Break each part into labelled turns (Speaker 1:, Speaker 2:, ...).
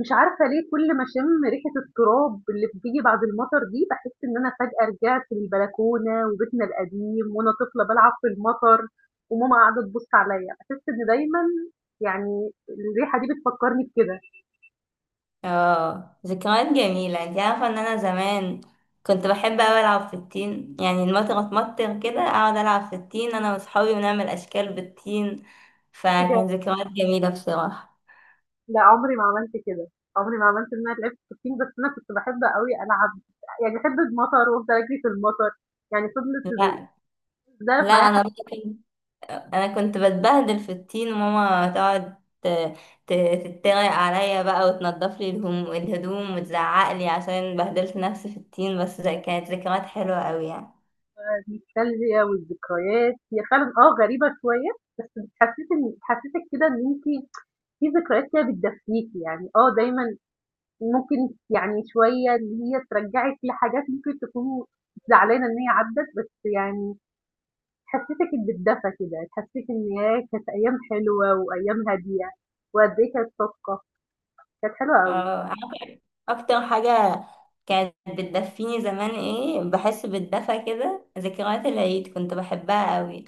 Speaker 1: مش عارفة ليه كل ما أشم ريحة التراب اللي بتيجي بعد المطر دي بحس إن أنا فجأة رجعت للبلكونة وبيتنا القديم وأنا طفلة بلعب في المطر وماما قاعدة تبص عليا بحس إن دايما يعني الريحة دي بتفكرني بكده.
Speaker 2: اه، ذكريات جميلة. انت عارفة ان انا زمان كنت بحب اوي العب في الطين. يعني المطر اتمطر كده اقعد العب في الطين انا واصحابي ونعمل اشكال بالطين.
Speaker 1: حاجة-
Speaker 2: فكان ذكريات جميلة بصراحة.
Speaker 1: لا عمري ما عملت كده. عمري ما عملت إن أنا لعبت سكين، بس أنا كنت بحب قوي ألعب، يعني بحب المطر وأفضل أجري في المطر، يعني فضلت
Speaker 2: لا.
Speaker 1: ده
Speaker 2: لا،
Speaker 1: معايا حتى.
Speaker 2: انا كنت بتبهدل في الطين وماما تقعد ت- تتريق عليا بقى وتنضف لي الهدوم وتزعق لي عشان بهدلت نفسي في الطين. بس ده كانت ذكريات حلوة اوي يعني.
Speaker 1: النوستالجيا والذكريات هي فعلا غريبة شوية، بس بتحسسك كده إن أنتي في ذكريات كده بتدفّيكِ، يعني، آه دايمًا ممكن، يعني شوية إن هي ترجّعِك لحاجات ممكن تكونوا زعلانة إن هي عدّت، بس يعني تحسّسِك بِالدفى كده، تحسّسِك إن ياه! كانت أيام حلوة وأيام هادية وقد إيه كانت صادقة، كانت حلوة أوي.
Speaker 2: اه، اكتر حاجة كانت بتدفيني زمان ايه بحس بالدفى كده ذكريات العيد. كنت بحبها قوي.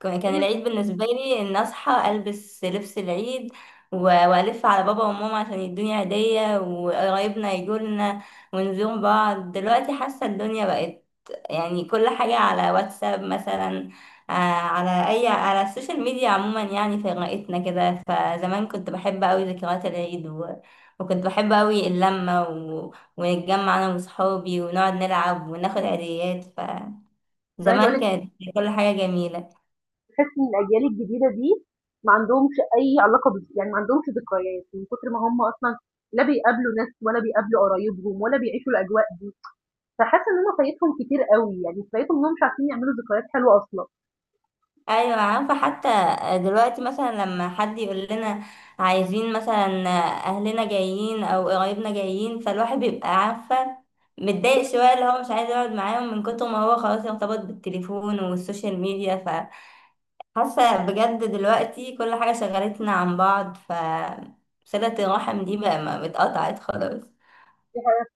Speaker 2: كان
Speaker 1: أيوه،
Speaker 2: العيد بالنسبة لي ان اصحى البس لبس العيد و- والف على بابا وماما عشان يدوني هدية وقرايبنا يجولنا ونزور بعض. دلوقتي حاسة الدنيا بقت، يعني كل حاجة على واتساب مثلا. على اي على السوشيال ميديا عموما، يعني في رقتنا كده. فزمان كنت بحب قوي ذكريات العيد، وكنت بحب أوي اللمة ونتجمع أنا وصحابي ونقعد نلعب وناخد عيديات.
Speaker 1: أنا عايزة أقول
Speaker 2: فزمان
Speaker 1: لِك
Speaker 2: كانت كل حاجة جميلة.
Speaker 1: تحسّي إن الأجيال الجديدة دي ما عندهمش أي علاقة بال، ما عندهمش ذكريات، من كتر ما هم أصلًا لا بيقابلوا ناس ولا بيقابلوا قرايبهم ولا بيعيشوا الأجواء. فحاسة إن أنا فايتهم كتير أوي، يعني فايتهم إنهم مش عارفين يعملوا ذكريات حلوة أصلًا.
Speaker 2: أيوة، عارفة، حتى دلوقتي مثلا لما حد يقول لنا عايزين مثلا أهلنا جايين أو قرايبنا جايين، فالواحد بيبقى عارفة
Speaker 1: هي
Speaker 2: متضايق شوية، اللي هو مش عايز يقعد معاهم من كتر ما هو خلاص ارتبط بالتليفون والسوشيال ميديا. فحاسة بجد دلوقتي كل حاجة شغلتنا عن بعض، ف صلة الرحم دي بقى ما اتقطعت خلاص.
Speaker 1: دي حاجة ف،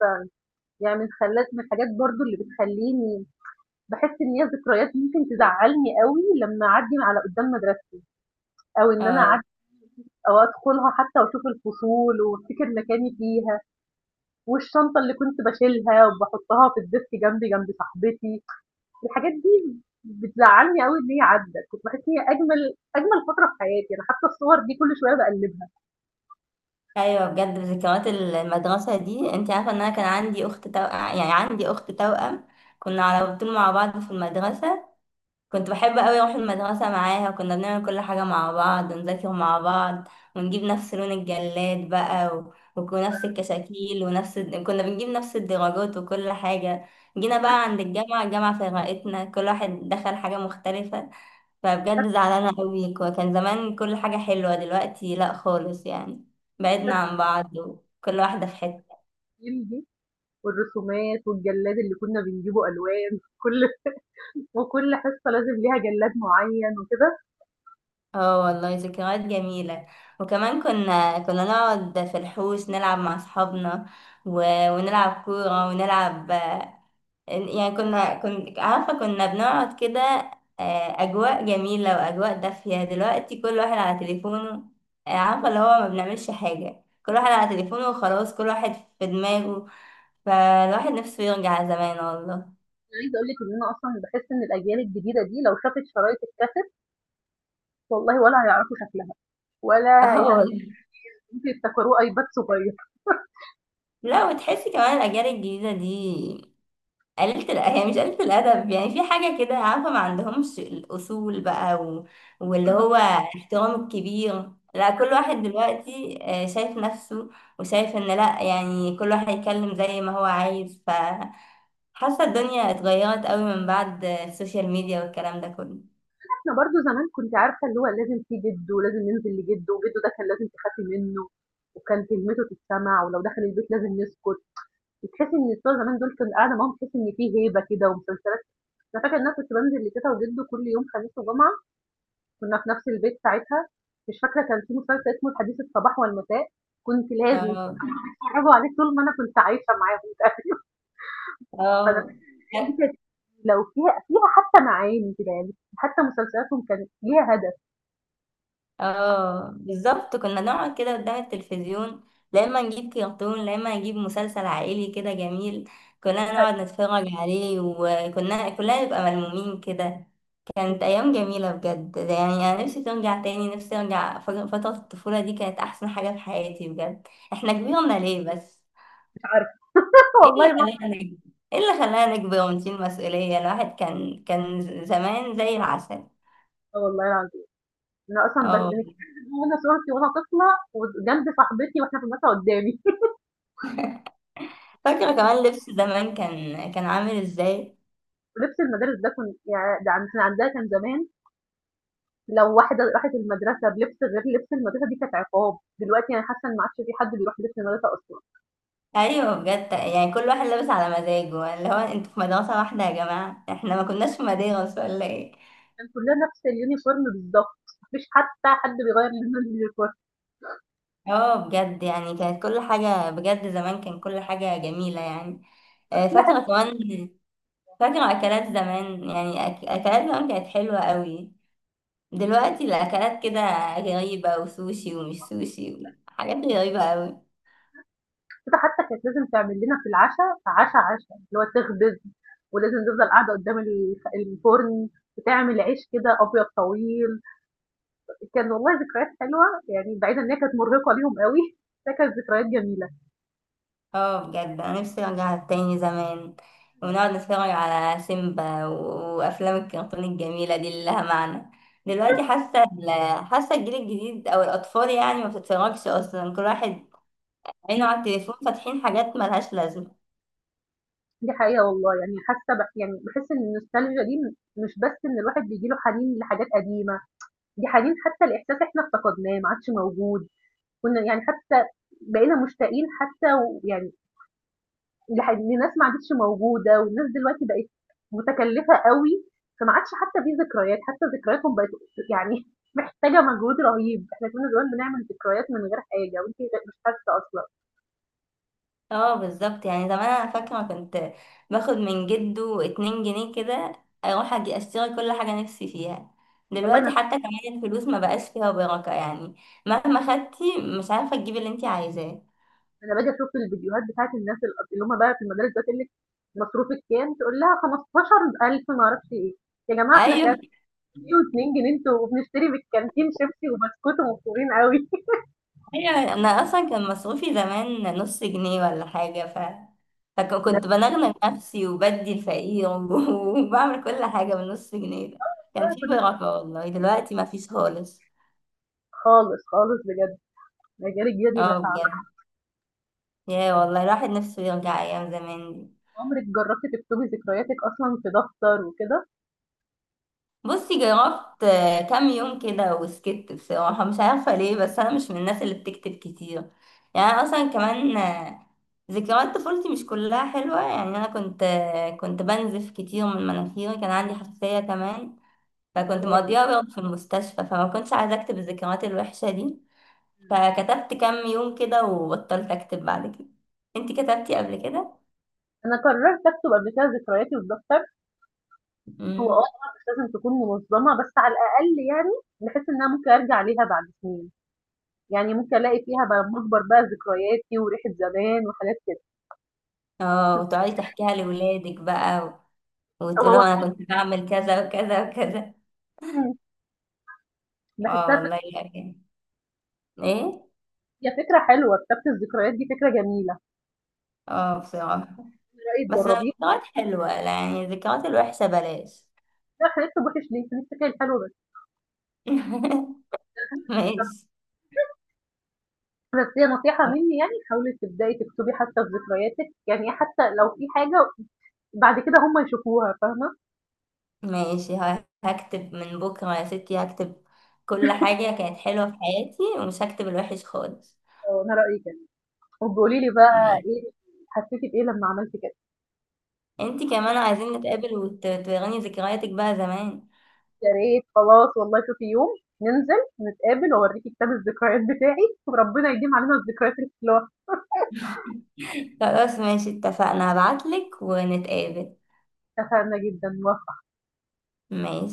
Speaker 1: يعني من خلّت من الحاجات برضه اللي بتخلّيني باحس إن هي ذكريات ممكن تزعّلني أوي لمّا أعدّي من على قدّام مدرستي، أو إن أنا
Speaker 2: اه،
Speaker 1: أعدّي أو أدخلها حتى وأشوف الفصول وأفتكر مكاني فيها، والشنطة اللي كنت باشيلها وباحطها في الديسك جنبي جنب صاحبتي. الحاجات دي بتزعّلني أوي إن هي عدّت، كنت باحس إن هي أجمل أجمل فترة في حياتي، أنا حتى الصور دي كل شوية باقلّبها،
Speaker 2: ايوه بجد ذكريات المدرسه دي. انت عارفه ان انا كان عندي اخت توأم، يعني عندي اخت توأم. كنا على طول مع بعض في المدرسه. كنت بحب قوي اروح المدرسه معاها، وكنا بنعمل كل حاجه مع بعض ونذاكر مع بعض. ونجيب نفس لون الجلاد بقى ونفس الكشاكيل كنا بنجيب نفس الدرجات وكل حاجه. جينا بقى عند الجامعه، الجامعه فرقتنا، كل واحد دخل حاجه مختلفه. فبجد زعلانة قوي. كان زمان كل حاجة حلوة، دلوقتي لا خالص يعني. بعدنا عن بعض وكل واحدة في حتة.
Speaker 1: والرسومات والجلاد اللي كنا بنجيبه ألوان. كل وكل حصة لازم ليها جلاد معين وكده.
Speaker 2: اه والله ذكريات جميلة. وكمان كنا نقعد في الحوش نلعب مع أصحابنا و... ونلعب كورة ونلعب. يعني كنت عارفة كنا بنقعد كده. أجواء جميلة وأجواء دافية. دلوقتي كل واحد على تليفونه. عارفة اللي هو ما بنعملش حاجة، كل واحد على تليفونه وخلاص، كل واحد في دماغه. فالواحد نفسه يرجع زمان والله.
Speaker 1: أنا عايزة أقول لِك إن أنا أصلًا باحس إن الأجيال الجديدة دي لو شافت شرايط الكاسيت، والله ولا هيعرفوا شكلها ولا
Speaker 2: اه والله.
Speaker 1: ممكن يفتكروه أيباد صغير.
Speaker 2: لا، وتحسي كمان الأجيال الجديدة دي هي مش قليلة الأدب يعني، في حاجة كده عارفة، ما عندهمش الأصول بقى واللي
Speaker 1: إنما
Speaker 2: هو احترام الكبير. لا كل واحد دلوقتي شايف نفسه، وشايف إن لا يعني كل واحد يتكلم زي ما هو عايز. فحاسة الدنيا اتغيرت قوي من بعد السوشيال ميديا والكلام ده كله.
Speaker 1: إحنا برضه زمان كنتِ عارفة اللي هو لازم في جد، ولازم ننزل لجد، وجده ده كان لازم تخافي منه، وكان كلمته تتسمع، ولو دخل البيت لازم نسكت. بتحسي إن بتوع زمان دول كان قاعدة معاهم تحسي إن في هيبة كده ومسلسلات. أنا فاكرة إن أنا كنت بانزل لتيتة وجده كل يوم خميس وجمعة، كنا في نفس البيت ساعتها. مش فاكرة، كان في مسلسل اسمه الحديث الصباح والمساء، كنت لازم
Speaker 2: اه،
Speaker 1: يتفرّجوا عليه طول ما أنا كنت عايشة معاهم تقريبًا. فأنا
Speaker 2: اه،
Speaker 1: الحاجات دي كانت لو فيها حتى معاني كده، يعني حتى مسلسلاتهم كانت ليها هدف.
Speaker 2: اه، بالظبط كنا نقعد كده قدام التلفزيون. لا اما نجيب كرتون، لا اما نجيب مسلسل عائلي كده جميل. كنا نقعد نتفرج عليه، وكنا كلنا نبقى ملمومين كده. كانت
Speaker 1: مش
Speaker 2: ايام جميله بجد يعني. انا نفسي ترجع تاني، نفسي ارجع فتره الطفوله دي كانت احسن حاجه في حياتي. بجد احنا كبرنا ليه بس؟
Speaker 1: عارفة
Speaker 2: ايه
Speaker 1: والله
Speaker 2: اللي
Speaker 1: ما،
Speaker 2: خلانا نكبر؟ ايه اللي خلانا نكبر ونشيل مسؤوليه؟ الواحد كان زمان زي العسل.
Speaker 1: آه والله العظيم، أنا أصلًا
Speaker 2: اه،
Speaker 1: بنتكلم وأنا صورتي وأنا طفلة وجنب صاحبتي وإحنا في المدرسة قدّامي.
Speaker 2: فاكره كمان لبس زمان كان عامل ازاي.
Speaker 1: لبس المدارس ده كن ياه ده عن كان عندنا عندها كان زمان، لو واحدة راحت المدرسة بلبس غير لبس المدرسة دي كانت عقاب. دلوقتي أنا حاسة إن ما عادش في حد بيروح لبس المدرسة أصلًا،
Speaker 2: ايوه بجد، يعني كل واحد لابس على مزاجه، اللي هو انتوا في مدرسه واحده يا جماعه، احنا ما كناش في مدارس ولا ايه؟
Speaker 1: كان كلنا نفس اليونيفورم بالضبط، ما فيش حتى حد بيغيّر لون اليونيفورم،
Speaker 2: اه بجد، يعني كانت كل حاجه، بجد زمان كان كل حاجه جميله يعني.
Speaker 1: كل حتة.
Speaker 2: فاكره كمان. فاكره اكلات زمان، يعني اكلات زمان كانت حلوه قوي. دلوقتي الاكلات كده غريبه، وسوشي ومش سوشي وحاجات غريبه قوي.
Speaker 1: حتى كانت لازم تعمل لنا في العشا عشا، اللي هو تخبز ولازم تفضل قاعدة قدّام الفرن، وتعمل عيش كده أبيض طويل. كان والله ذكريات حلوة، يعني بعيد إن هي كانت مرهقة ليهم أوي، بس هي كانت ذكريات جميلة.
Speaker 2: اه بجد انا نفسي ارجع تاني زمان، ونقعد نتفرج على سيمبا وافلام الكرتون الجميله دي اللي لها معنى. دلوقتي حاسه حاسه الجيل الجديد او الاطفال يعني ما بتتفرجش اصلا، كل واحد عينه على التليفون فاتحين حاجات ملهاش لازمه.
Speaker 1: دي حقيقة والله، يعني حاسة يعني بحس إن النوستالجيا دي مش بس إن الواحد بيجيله حنين لحاجات قديمة، دي حنين حتى الإحساس إحنا افتقدناه ما عادش موجود. كنا يعني حتى بقينا مشتاقين حتى يعني لناس ما عادتش موجودة، والناس دلوقتي بقت متكلفة قوي، فما عادش حتى في ذكريات، حتى ذكرياتهم بقت يعني محتاجة مجهود رهيب. إحنا كنا زمان بنعمل ذكريات من غير حاجة وأنت مش حاسة أصلا.
Speaker 2: اه بالظبط، يعني زمان انا فاكره كنت باخد من جده 2 جنيه كده، اروح اجي اشتري كل حاجه نفسي فيها.
Speaker 1: والله
Speaker 2: دلوقتي حتى كمان الفلوس ما بقاش فيها بركه يعني، مهما خدتي مش عارفه تجيبي اللي انت عايزاه.
Speaker 1: أنا باجي أشوف الفيديوهات بتاعة الناس اللي هم بقى في المدارس دلوقتي تقول لِك مصروفِك كام، تقول لها 15.000 ما أعرفش إيه. يا جماعة إحنا
Speaker 2: ايوه،
Speaker 1: كام جنيه و2 جنيه أنتم، وبنشتري من الكانتين شيبسي وبسكوت ومبسوطين أوي.
Speaker 2: ايوه، انا اصلا كان مصروفي زمان نص جنيه ولا حاجه.
Speaker 1: ده
Speaker 2: فكنت بنغنى نفسي وبدي الفقير وبعمل كل حاجه بنص جنيه ده. كان
Speaker 1: إحنا
Speaker 2: في
Speaker 1: كنا
Speaker 2: بركه والله، دلوقتي ما فيش خالص.
Speaker 1: خالص، خالص بجد. الأجيال الجديدة دي
Speaker 2: اه
Speaker 1: بشعة.
Speaker 2: بجد. يا والله الواحد نفسه يرجع ايام زمان دي.
Speaker 1: عمرِك جربتِ تكتبي ذكرياتِك أصلًا في دفتر وكده؟
Speaker 2: بصي جربت، كام يوم كده وسكت بصراحة. مش عارفة ليه، بس أنا مش من الناس اللي بتكتب كتير يعني. أنا أصلا كمان ذكريات طفولتي مش كلها حلوة يعني. أنا كنت بنزف كتير من مناخيري، كان عندي حساسية كمان. فكنت
Speaker 1: تمام،
Speaker 2: مقضيها برضه في المستشفى، فما كنتش عايزة أكتب الذكريات الوحشة دي. فكتبت كام يوم كده وبطلت أكتب بعد كده. انتي كتبتي قبل كده؟
Speaker 1: أنا قررت أكتب قبل كده ذكرياتي في دفتر. هو آه
Speaker 2: مم.
Speaker 1: طبعًا مش لازم تكون منظمة، بس على الأقل يعني باحس إن أنا ممكن أرجع ليها بعد سنين. يعني ممكن ألاقي فيها بقى مجبر بقى ذكرياتي وريحة زمان وحاجات كده.
Speaker 2: اه، وتقعدي تحكيها لأولادك بقى،
Speaker 1: هو
Speaker 2: وتقولوا أنا كنت بعمل كذا وكذا وكذا.
Speaker 1: إمم،
Speaker 2: اه
Speaker 1: باحسها ف
Speaker 2: والله يعني. ايه.
Speaker 1: هي فكرة حلوة، كتابة الذكريات دي فكرة جميلة.
Speaker 2: اه بصراحة.
Speaker 1: إيه رأيِك
Speaker 2: بس
Speaker 1: تجربيها؟
Speaker 2: الذكريات حلوة، يعني الذكريات الوحشة بلاش.
Speaker 1: لأ إحنا نكتب وِحِش ليه؟ نفتكر الحلو بس. بالضبط،
Speaker 2: ماشي.
Speaker 1: بس هي نصيحة مني، يعني حاولي تبدئي تكتبي حتى في ذكرياتِك، يعني حتى لو في حاجة بعد كده هم يشوفوها فاهمة.
Speaker 2: ماشي، هكتب من بكرة يا ستي. هكتب كل حاجة كانت حلوة في حياتي ومش هكتب الوحش خالص.
Speaker 1: آه، أنا رأيي كده. وبقولي لي بقى
Speaker 2: ماشي.
Speaker 1: إيه حسيتِ بإيه لمّا عملتِ كده؟
Speaker 2: انتي كمان عايزين نتقابل وتوريني ذكرياتك بقى زمان.
Speaker 1: يا ريت، خلاص والله شوفي يوم ننزل نتقابل وأوريكِ كتاب الذكريات بتاعي، وربنا يديم علينا الذكريات الحلوة.
Speaker 2: خلاص ماشي اتفقنا، هبعتلك ونتقابل.
Speaker 1: اتفقنا جداً. وافقت.
Speaker 2: ماشي